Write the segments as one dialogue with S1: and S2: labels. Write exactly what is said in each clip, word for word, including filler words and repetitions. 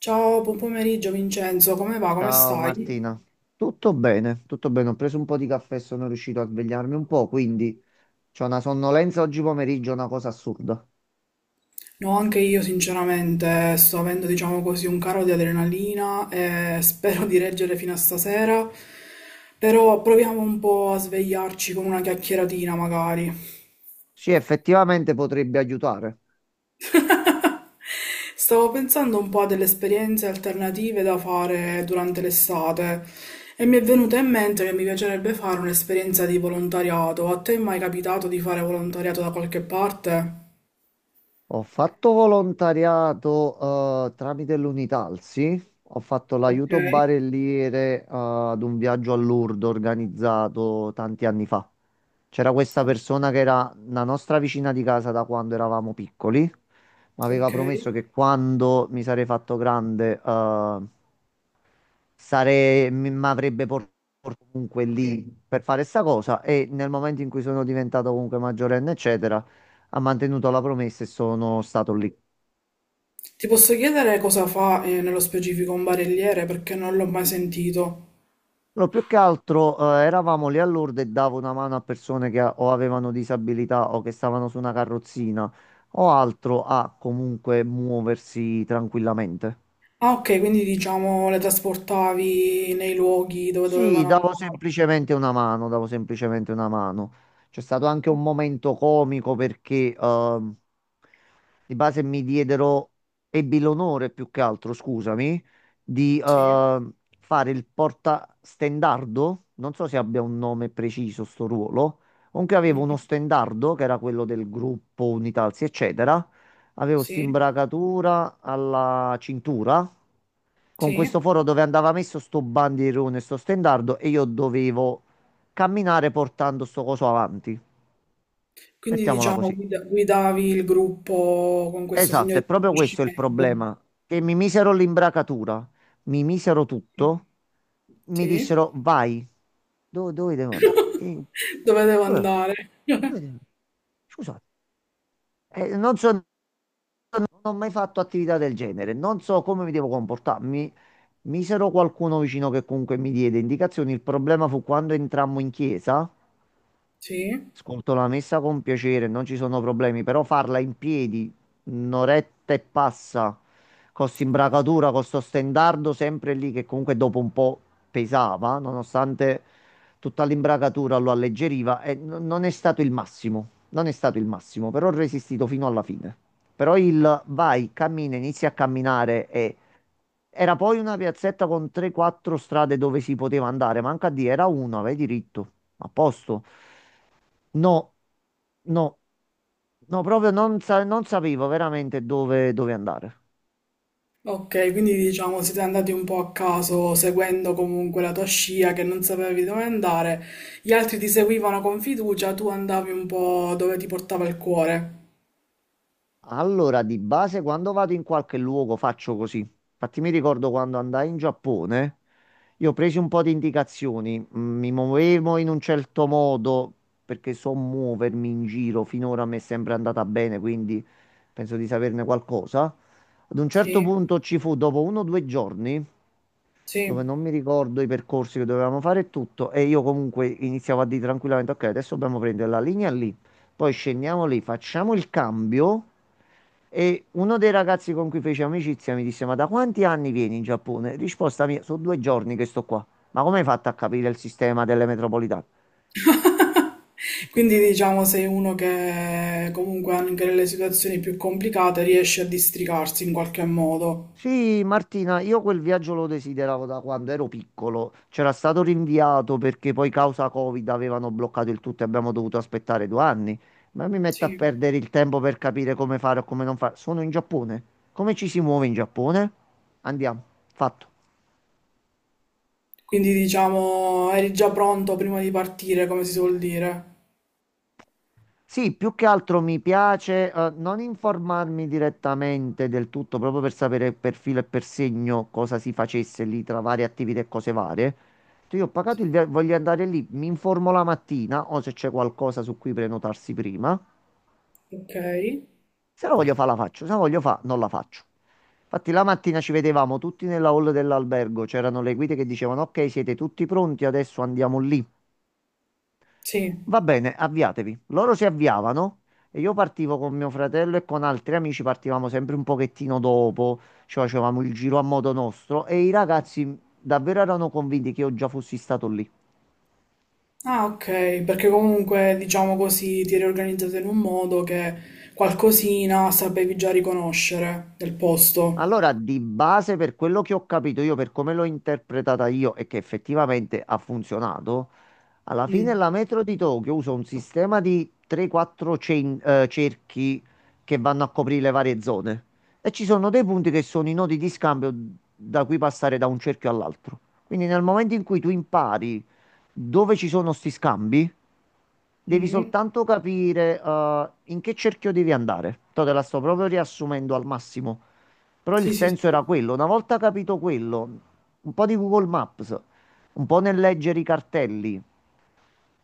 S1: Ciao, buon pomeriggio Vincenzo, come va? Come
S2: Ciao
S1: stai?
S2: Martina, tutto bene, tutto bene. Ho preso un po' di caffè e sono riuscito a svegliarmi un po', quindi c'ho una sonnolenza oggi pomeriggio, una cosa assurda.
S1: No, anche io sinceramente sto avendo, diciamo così, un caro di adrenalina e spero di reggere fino a stasera, però proviamo un po' a svegliarci con una chiacchieratina magari.
S2: Sì, effettivamente potrebbe aiutare.
S1: Stavo pensando un po' a delle esperienze alternative da fare durante l'estate e mi è venuta in mente che mi piacerebbe fare un'esperienza di volontariato. A te è mai capitato di fare volontariato da qualche parte?
S2: Ho fatto volontariato eh, tramite l'Unità, sì. Ho fatto
S1: Ok.
S2: l'aiuto barelliere eh, ad un viaggio a Lourdes organizzato tanti anni fa. C'era questa persona che era la nostra vicina di casa da quando eravamo piccoli. Mi aveva
S1: Ok.
S2: promesso che quando mi sarei fatto grande, eh, sare- mi mi avrebbe portato comunque lì per fare sta cosa e nel momento in cui sono diventato comunque maggiorenne, eccetera, ha mantenuto la promessa e sono stato lì.
S1: Ti posso chiedere cosa fa eh, nello specifico un barelliere perché non l'ho mai sentito.
S2: No, più che altro eh, eravamo lì a Lourdes e davo una mano a persone che a- o avevano disabilità o che stavano su una carrozzina o altro a comunque muoversi tranquillamente.
S1: Ah, ok, quindi diciamo le trasportavi nei luoghi dove
S2: Sì,
S1: dovevano
S2: davo
S1: andare.
S2: semplicemente una mano, davo semplicemente una mano. C'è stato anche un momento comico perché ehm, di base mi diedero, ebbi l'onore più che altro, scusami, di
S1: Sì.
S2: ehm, fare il portastendardo. Non so se abbia un nome preciso sto ruolo. Comunque avevo uno
S1: Mhm.
S2: stendardo che era quello del gruppo Unitalsi, eccetera. Avevo
S1: Sì.
S2: st'imbracatura alla cintura con questo
S1: Sì.
S2: foro dove andava messo sto bandierone, sto stendardo e io dovevo camminare portando sto coso avanti.
S1: Quindi
S2: Mettiamola
S1: diciamo
S2: così.
S1: guida- guidavi il gruppo con questo segno
S2: Esatto, è
S1: di
S2: proprio questo il problema.
S1: riconoscimento.
S2: Che mi misero l'imbracatura, mi misero tutto, mi
S1: Sì.
S2: dissero vai, dove, dove devo andare? E-
S1: Dove devo
S2: dove,
S1: andare?
S2: dove devo- Scusate, eh, non so, non ho mai fatto attività del genere, non so come mi devo comportarmi. Misero qualcuno vicino che comunque mi diede indicazioni. Il problema fu quando entrammo in chiesa.
S1: Sì.
S2: Ascolto la messa con piacere, non ci sono problemi, però farla in piedi, un'oretta e passa, con s'imbracatura, con sto stendardo sempre lì che comunque dopo un po' pesava, nonostante tutta l'imbracatura lo alleggeriva, e n- non è stato il massimo, non è stato il massimo, però ho resistito fino alla fine. Però il vai, cammina, inizi a camminare e era poi una piazzetta con tre quattro strade dove si poteva andare, manca a dire, era una, vai diritto, a posto. No, no, no, proprio non, sa- non sapevo veramente dove, dove andare.
S1: Ok, quindi diciamo siete andati un po' a caso, seguendo comunque la tua scia che non sapevi dove andare, gli altri ti seguivano con fiducia, tu andavi un po' dove ti portava il cuore.
S2: Allora, di base, quando vado in qualche luogo faccio così. Infatti, mi ricordo quando andai in Giappone, io ho preso un po' di indicazioni, mm, mi muovevo in un certo modo perché so muovermi in giro, finora mi è sempre andata bene, quindi penso di saperne qualcosa. Ad un certo
S1: Sì,
S2: punto ci fu, dopo uno o due giorni, dove
S1: sì.
S2: non mi ricordo i percorsi che dovevamo fare e tutto, e io comunque iniziavo a dire tranquillamente, ok, adesso dobbiamo prendere la linea lì, poi scendiamo lì, facciamo il cambio. E uno dei ragazzi con cui feci amicizia mi disse: ma da quanti anni vieni in Giappone? Risposta mia: sono due giorni che sto qua. Ma come hai fatto a capire il sistema delle metropolitane?
S1: Quindi diciamo sei uno che comunque anche nelle situazioni più complicate riesce a districarsi in qualche modo.
S2: Sì, Martina, io quel viaggio lo desideravo da quando ero piccolo. C'era stato rinviato perché poi causa Covid avevano bloccato il tutto e abbiamo dovuto aspettare due anni. Ma mi metto a
S1: Sì.
S2: perdere il tempo per capire come fare o come non fare. Sono in Giappone. Come ci si muove in Giappone? Andiamo, fatto.
S1: Quindi diciamo eri già pronto prima di partire, come si suol dire.
S2: Sì, più che altro mi piace eh, non informarmi direttamente del tutto, proprio per sapere per filo e per segno cosa si facesse lì tra varie attività e cose varie. Cioè, Io ho pagato il via- voglio andare lì, mi informo la mattina o se c'è qualcosa su cui prenotarsi prima.
S1: Ok,
S2: Se la voglio fa la faccio, se la voglio fa non la faccio. Infatti la mattina ci vedevamo tutti nella hall dell'albergo, c'erano le guide che dicevano ok, siete tutti pronti, adesso andiamo lì.
S1: sì.
S2: Va bene, avviatevi. Loro si avviavano e io partivo con mio fratello e con altri amici, partivamo sempre un pochettino dopo, ci facevamo il giro a modo nostro e i ragazzi davvero erano convinti che io già fossi stato lì.
S1: Ah, ok, perché comunque diciamo così ti eri organizzata in un modo che qualcosina sapevi già riconoscere del posto.
S2: Allora, di base, per quello che ho capito io, per come l'ho interpretata io e che effettivamente ha funzionato, Alla fine
S1: Mm.
S2: la metro di Tokyo usa un sistema di tre quattro cen- eh, cerchi che vanno a coprire le varie zone e ci sono dei punti che sono i nodi di scambio da cui passare da un cerchio all'altro. Quindi nel momento in cui tu impari dove ci sono sti scambi, devi
S1: Mhm.
S2: soltanto capire eh, in che cerchio devi andare. Te la sto proprio riassumendo al massimo, però il
S1: Sì, sì, sì.
S2: senso era quello. Una volta capito quello, un po' di Google Maps, un po' nel leggere i cartelli.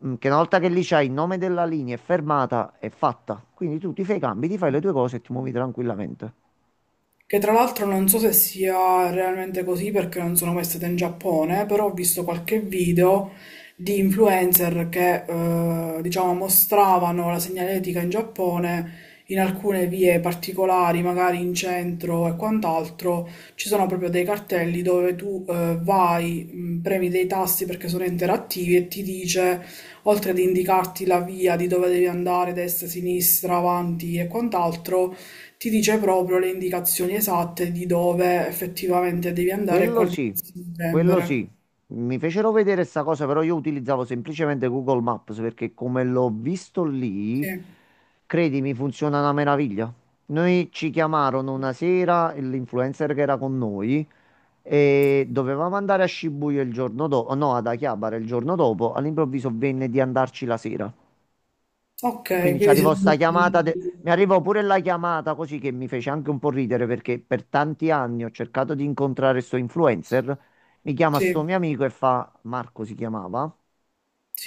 S2: Mm, Che una volta che lì c'hai il nome della linea è fermata, è fatta. Quindi tu ti fai i cambi, ti fai le tue cose e ti muovi tranquillamente.
S1: Che tra l'altro non so se sia realmente così perché non sono mai stata in Giappone, però ho visto qualche video di influencer che eh, diciamo mostravano la segnaletica in Giappone in alcune vie particolari, magari in centro e quant'altro, ci sono proprio dei cartelli dove tu eh, vai, mh, premi dei tasti perché sono interattivi e ti dice, oltre ad indicarti la via di dove devi andare, destra, sinistra, avanti e quant'altro, ti dice proprio le indicazioni esatte di dove effettivamente devi andare e
S2: Quello
S1: quali
S2: sì,
S1: devi
S2: quello
S1: prendere.
S2: sì. Mi fecero vedere sta cosa, però io utilizzavo semplicemente Google Maps perché come l'ho visto lì,
S1: Sì.
S2: credimi, funziona una meraviglia. Noi ci chiamarono una sera, e l'influencer che era con noi, e dovevamo andare a Shibuya il giorno dopo, no, ad Akihabara il giorno dopo, all'improvviso venne di andarci la sera.
S1: Ok,
S2: Quindi ci
S1: quindi
S2: arrivò
S1: siete
S2: sta chiamata, de-
S1: andati-
S2: mi arrivò pure la chiamata così che mi fece anche un po' ridere perché per tanti anni ho cercato di incontrare sto influencer. Mi chiama sto
S1: Sì,
S2: mio amico e fa, Marco si chiamava,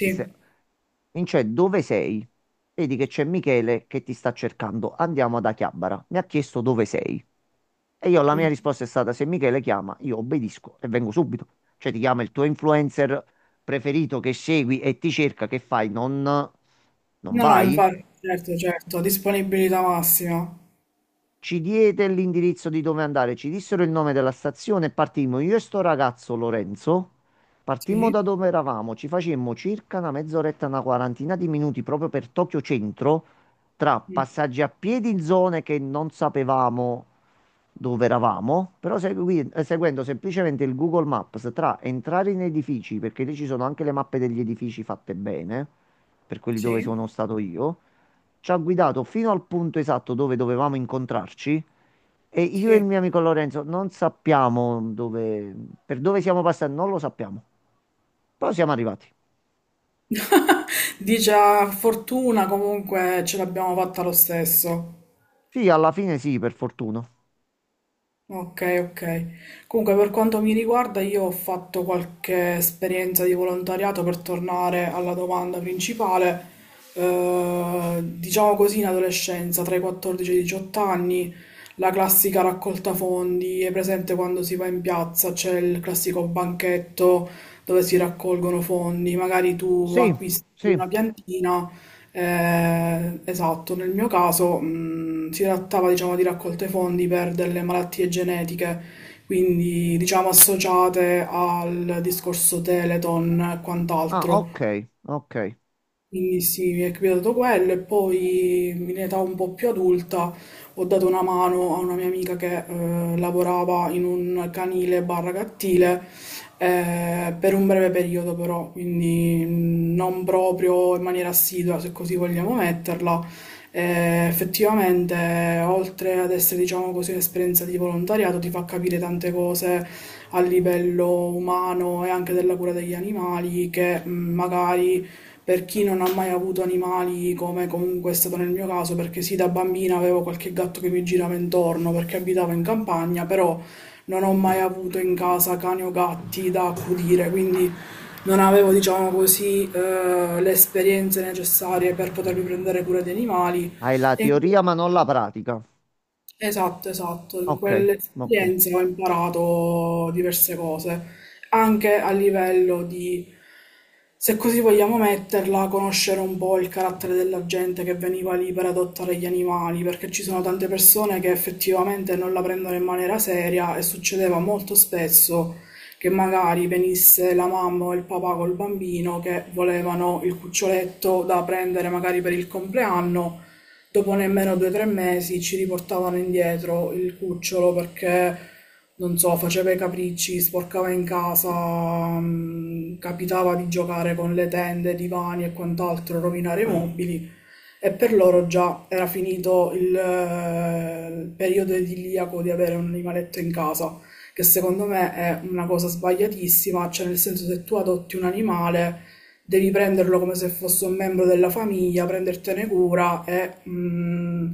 S2: disse, Vince, dove sei? Vedi che c'è Michele che ti sta cercando, andiamo da Chiabara. Mi ha chiesto dove sei. E io la mia
S1: Mm.
S2: risposta è stata, se Michele chiama, io obbedisco e vengo subito. Cioè ti chiama il tuo influencer preferito che segui e ti cerca, che fai? Non, non
S1: No, no,
S2: vai?
S1: infatti, certo, certo, disponibilità massima.
S2: Ci diede l'indirizzo di dove andare, ci dissero il nome della stazione e partimmo. Io e sto ragazzo Lorenzo partimmo
S1: Sì.
S2: da dove eravamo, ci facemmo circa una mezz'oretta, una quarantina di minuti proprio per Tokyo Centro, tra
S1: Mm.
S2: passaggi a piedi in zone che non sapevamo dove eravamo, però segui- eh, seguendo semplicemente il Google Maps tra entrare in edifici, perché lì ci sono anche le mappe degli edifici fatte bene, per quelli dove
S1: Sì,
S2: sono stato io ci ha guidato fino al punto esatto dove dovevamo incontrarci e io e il
S1: sì.
S2: mio amico Lorenzo non sappiamo dove, per dove siamo passati, non lo sappiamo. Però siamo arrivati.
S1: Dice, "Ah, fortuna, comunque ce l'abbiamo fatta lo stesso.
S2: Sì, alla fine sì, per fortuna.
S1: Ok, ok. Comunque, per quanto mi riguarda, io ho fatto qualche esperienza di volontariato per tornare alla domanda principale. Eh, diciamo così, in adolescenza, tra i quattordici e i diciotto anni, la classica raccolta fondi è presente quando si va in piazza, c'è il classico banchetto dove si raccolgono fondi, magari tu
S2: Sì,
S1: acquisti
S2: sì.
S1: una piantina. Eh, esatto, nel mio caso, mh, si trattava, diciamo, di raccolte fondi per delle malattie genetiche, quindi, diciamo, associate al discorso Teleton e
S2: Ah, ok,
S1: quant'altro.
S2: ok.
S1: Quindi sì, mi è capitato quello e poi in età un po' più adulta ho dato una mano a una mia amica che eh, lavorava in un canile barra cattile eh, per un breve periodo però, quindi mh, non proprio in maniera assidua se così vogliamo metterla. Eh, effettivamente, oltre ad essere diciamo così un'esperienza di volontariato, ti fa capire tante cose a livello umano e anche della cura degli animali che, mh, magari per chi non ha mai avuto animali, come comunque è stato nel mio caso, perché sì, da bambina avevo qualche gatto che mi girava intorno perché abitavo in campagna, però non ho mai avuto in casa cani o gatti da accudire, quindi non avevo, diciamo così, eh, le esperienze necessarie per potermi prendere cura di animali.
S2: Hai la
S1: E
S2: teoria ma non la pratica.
S1: Esatto, esatto, in
S2: Ok, ok.
S1: quell'esperienza ho imparato diverse cose, anche a livello di, se così vogliamo metterla, conoscere un po' il carattere della gente che veniva lì per adottare gli animali, perché ci sono tante persone che effettivamente non la prendono in maniera seria e succedeva molto spesso che magari venisse la mamma o il papà col bambino che volevano il cuccioletto da prendere magari per il compleanno. Dopo nemmeno due o tre mesi ci riportavano indietro il cucciolo perché, non so, faceva i capricci, sporcava in casa, mh, capitava di giocare con le tende, i divani e quant'altro, rovinare i mobili, e per loro già era finito il, eh, il periodo idilliaco di avere un animaletto in casa, che secondo me è una cosa sbagliatissima, cioè nel senso se tu adotti un animale devi prenderlo come se fosse un membro della famiglia, prendertene cura e, mh,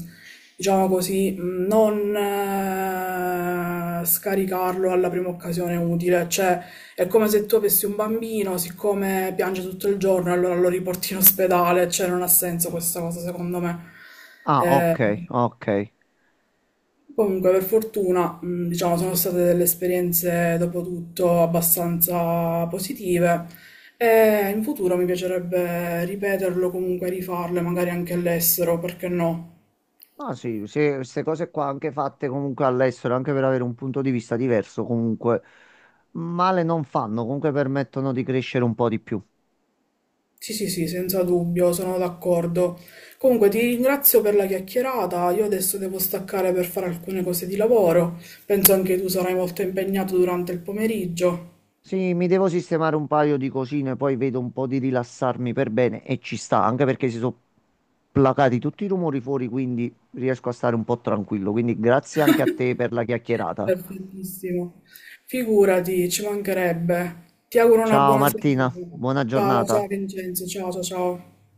S1: diciamo così, mh, non eh, scaricarlo alla prima occasione utile, cioè è come se tu avessi un bambino, siccome piange tutto il giorno, allora lo riporti in ospedale, cioè non ha senso questa cosa secondo me.
S2: Ah, ok,
S1: Eh,
S2: ok.
S1: Comunque, per fortuna, mh, diciamo, sono state delle esperienze dopo tutto abbastanza positive e in futuro mi piacerebbe ripeterlo, comunque rifarle, magari anche all'estero, perché no?
S2: Ah, sì, se- queste cose qua anche fatte comunque all'estero, anche per avere un punto di vista diverso, comunque male non fanno, comunque permettono di crescere un po' di più.
S1: Sì, sì, sì, senza dubbio, sono d'accordo. Comunque ti ringrazio per la chiacchierata, io adesso devo staccare per fare alcune cose di lavoro, penso anche tu sarai molto impegnato durante il pomeriggio.
S2: Sì, mi devo sistemare un paio di cosine, poi vedo un po' di rilassarmi per bene e ci sta, anche perché si sono placati tutti i rumori fuori, quindi riesco a stare un po' tranquillo. Quindi grazie anche a te per la chiacchierata.
S1: Perfettissimo. Figurati, ci mancherebbe. Ti auguro una
S2: Ciao
S1: buona serata.
S2: Martina, buona
S1: Ciao, ciao
S2: giornata.
S1: Vincenzo, ciao, ciao, ciao.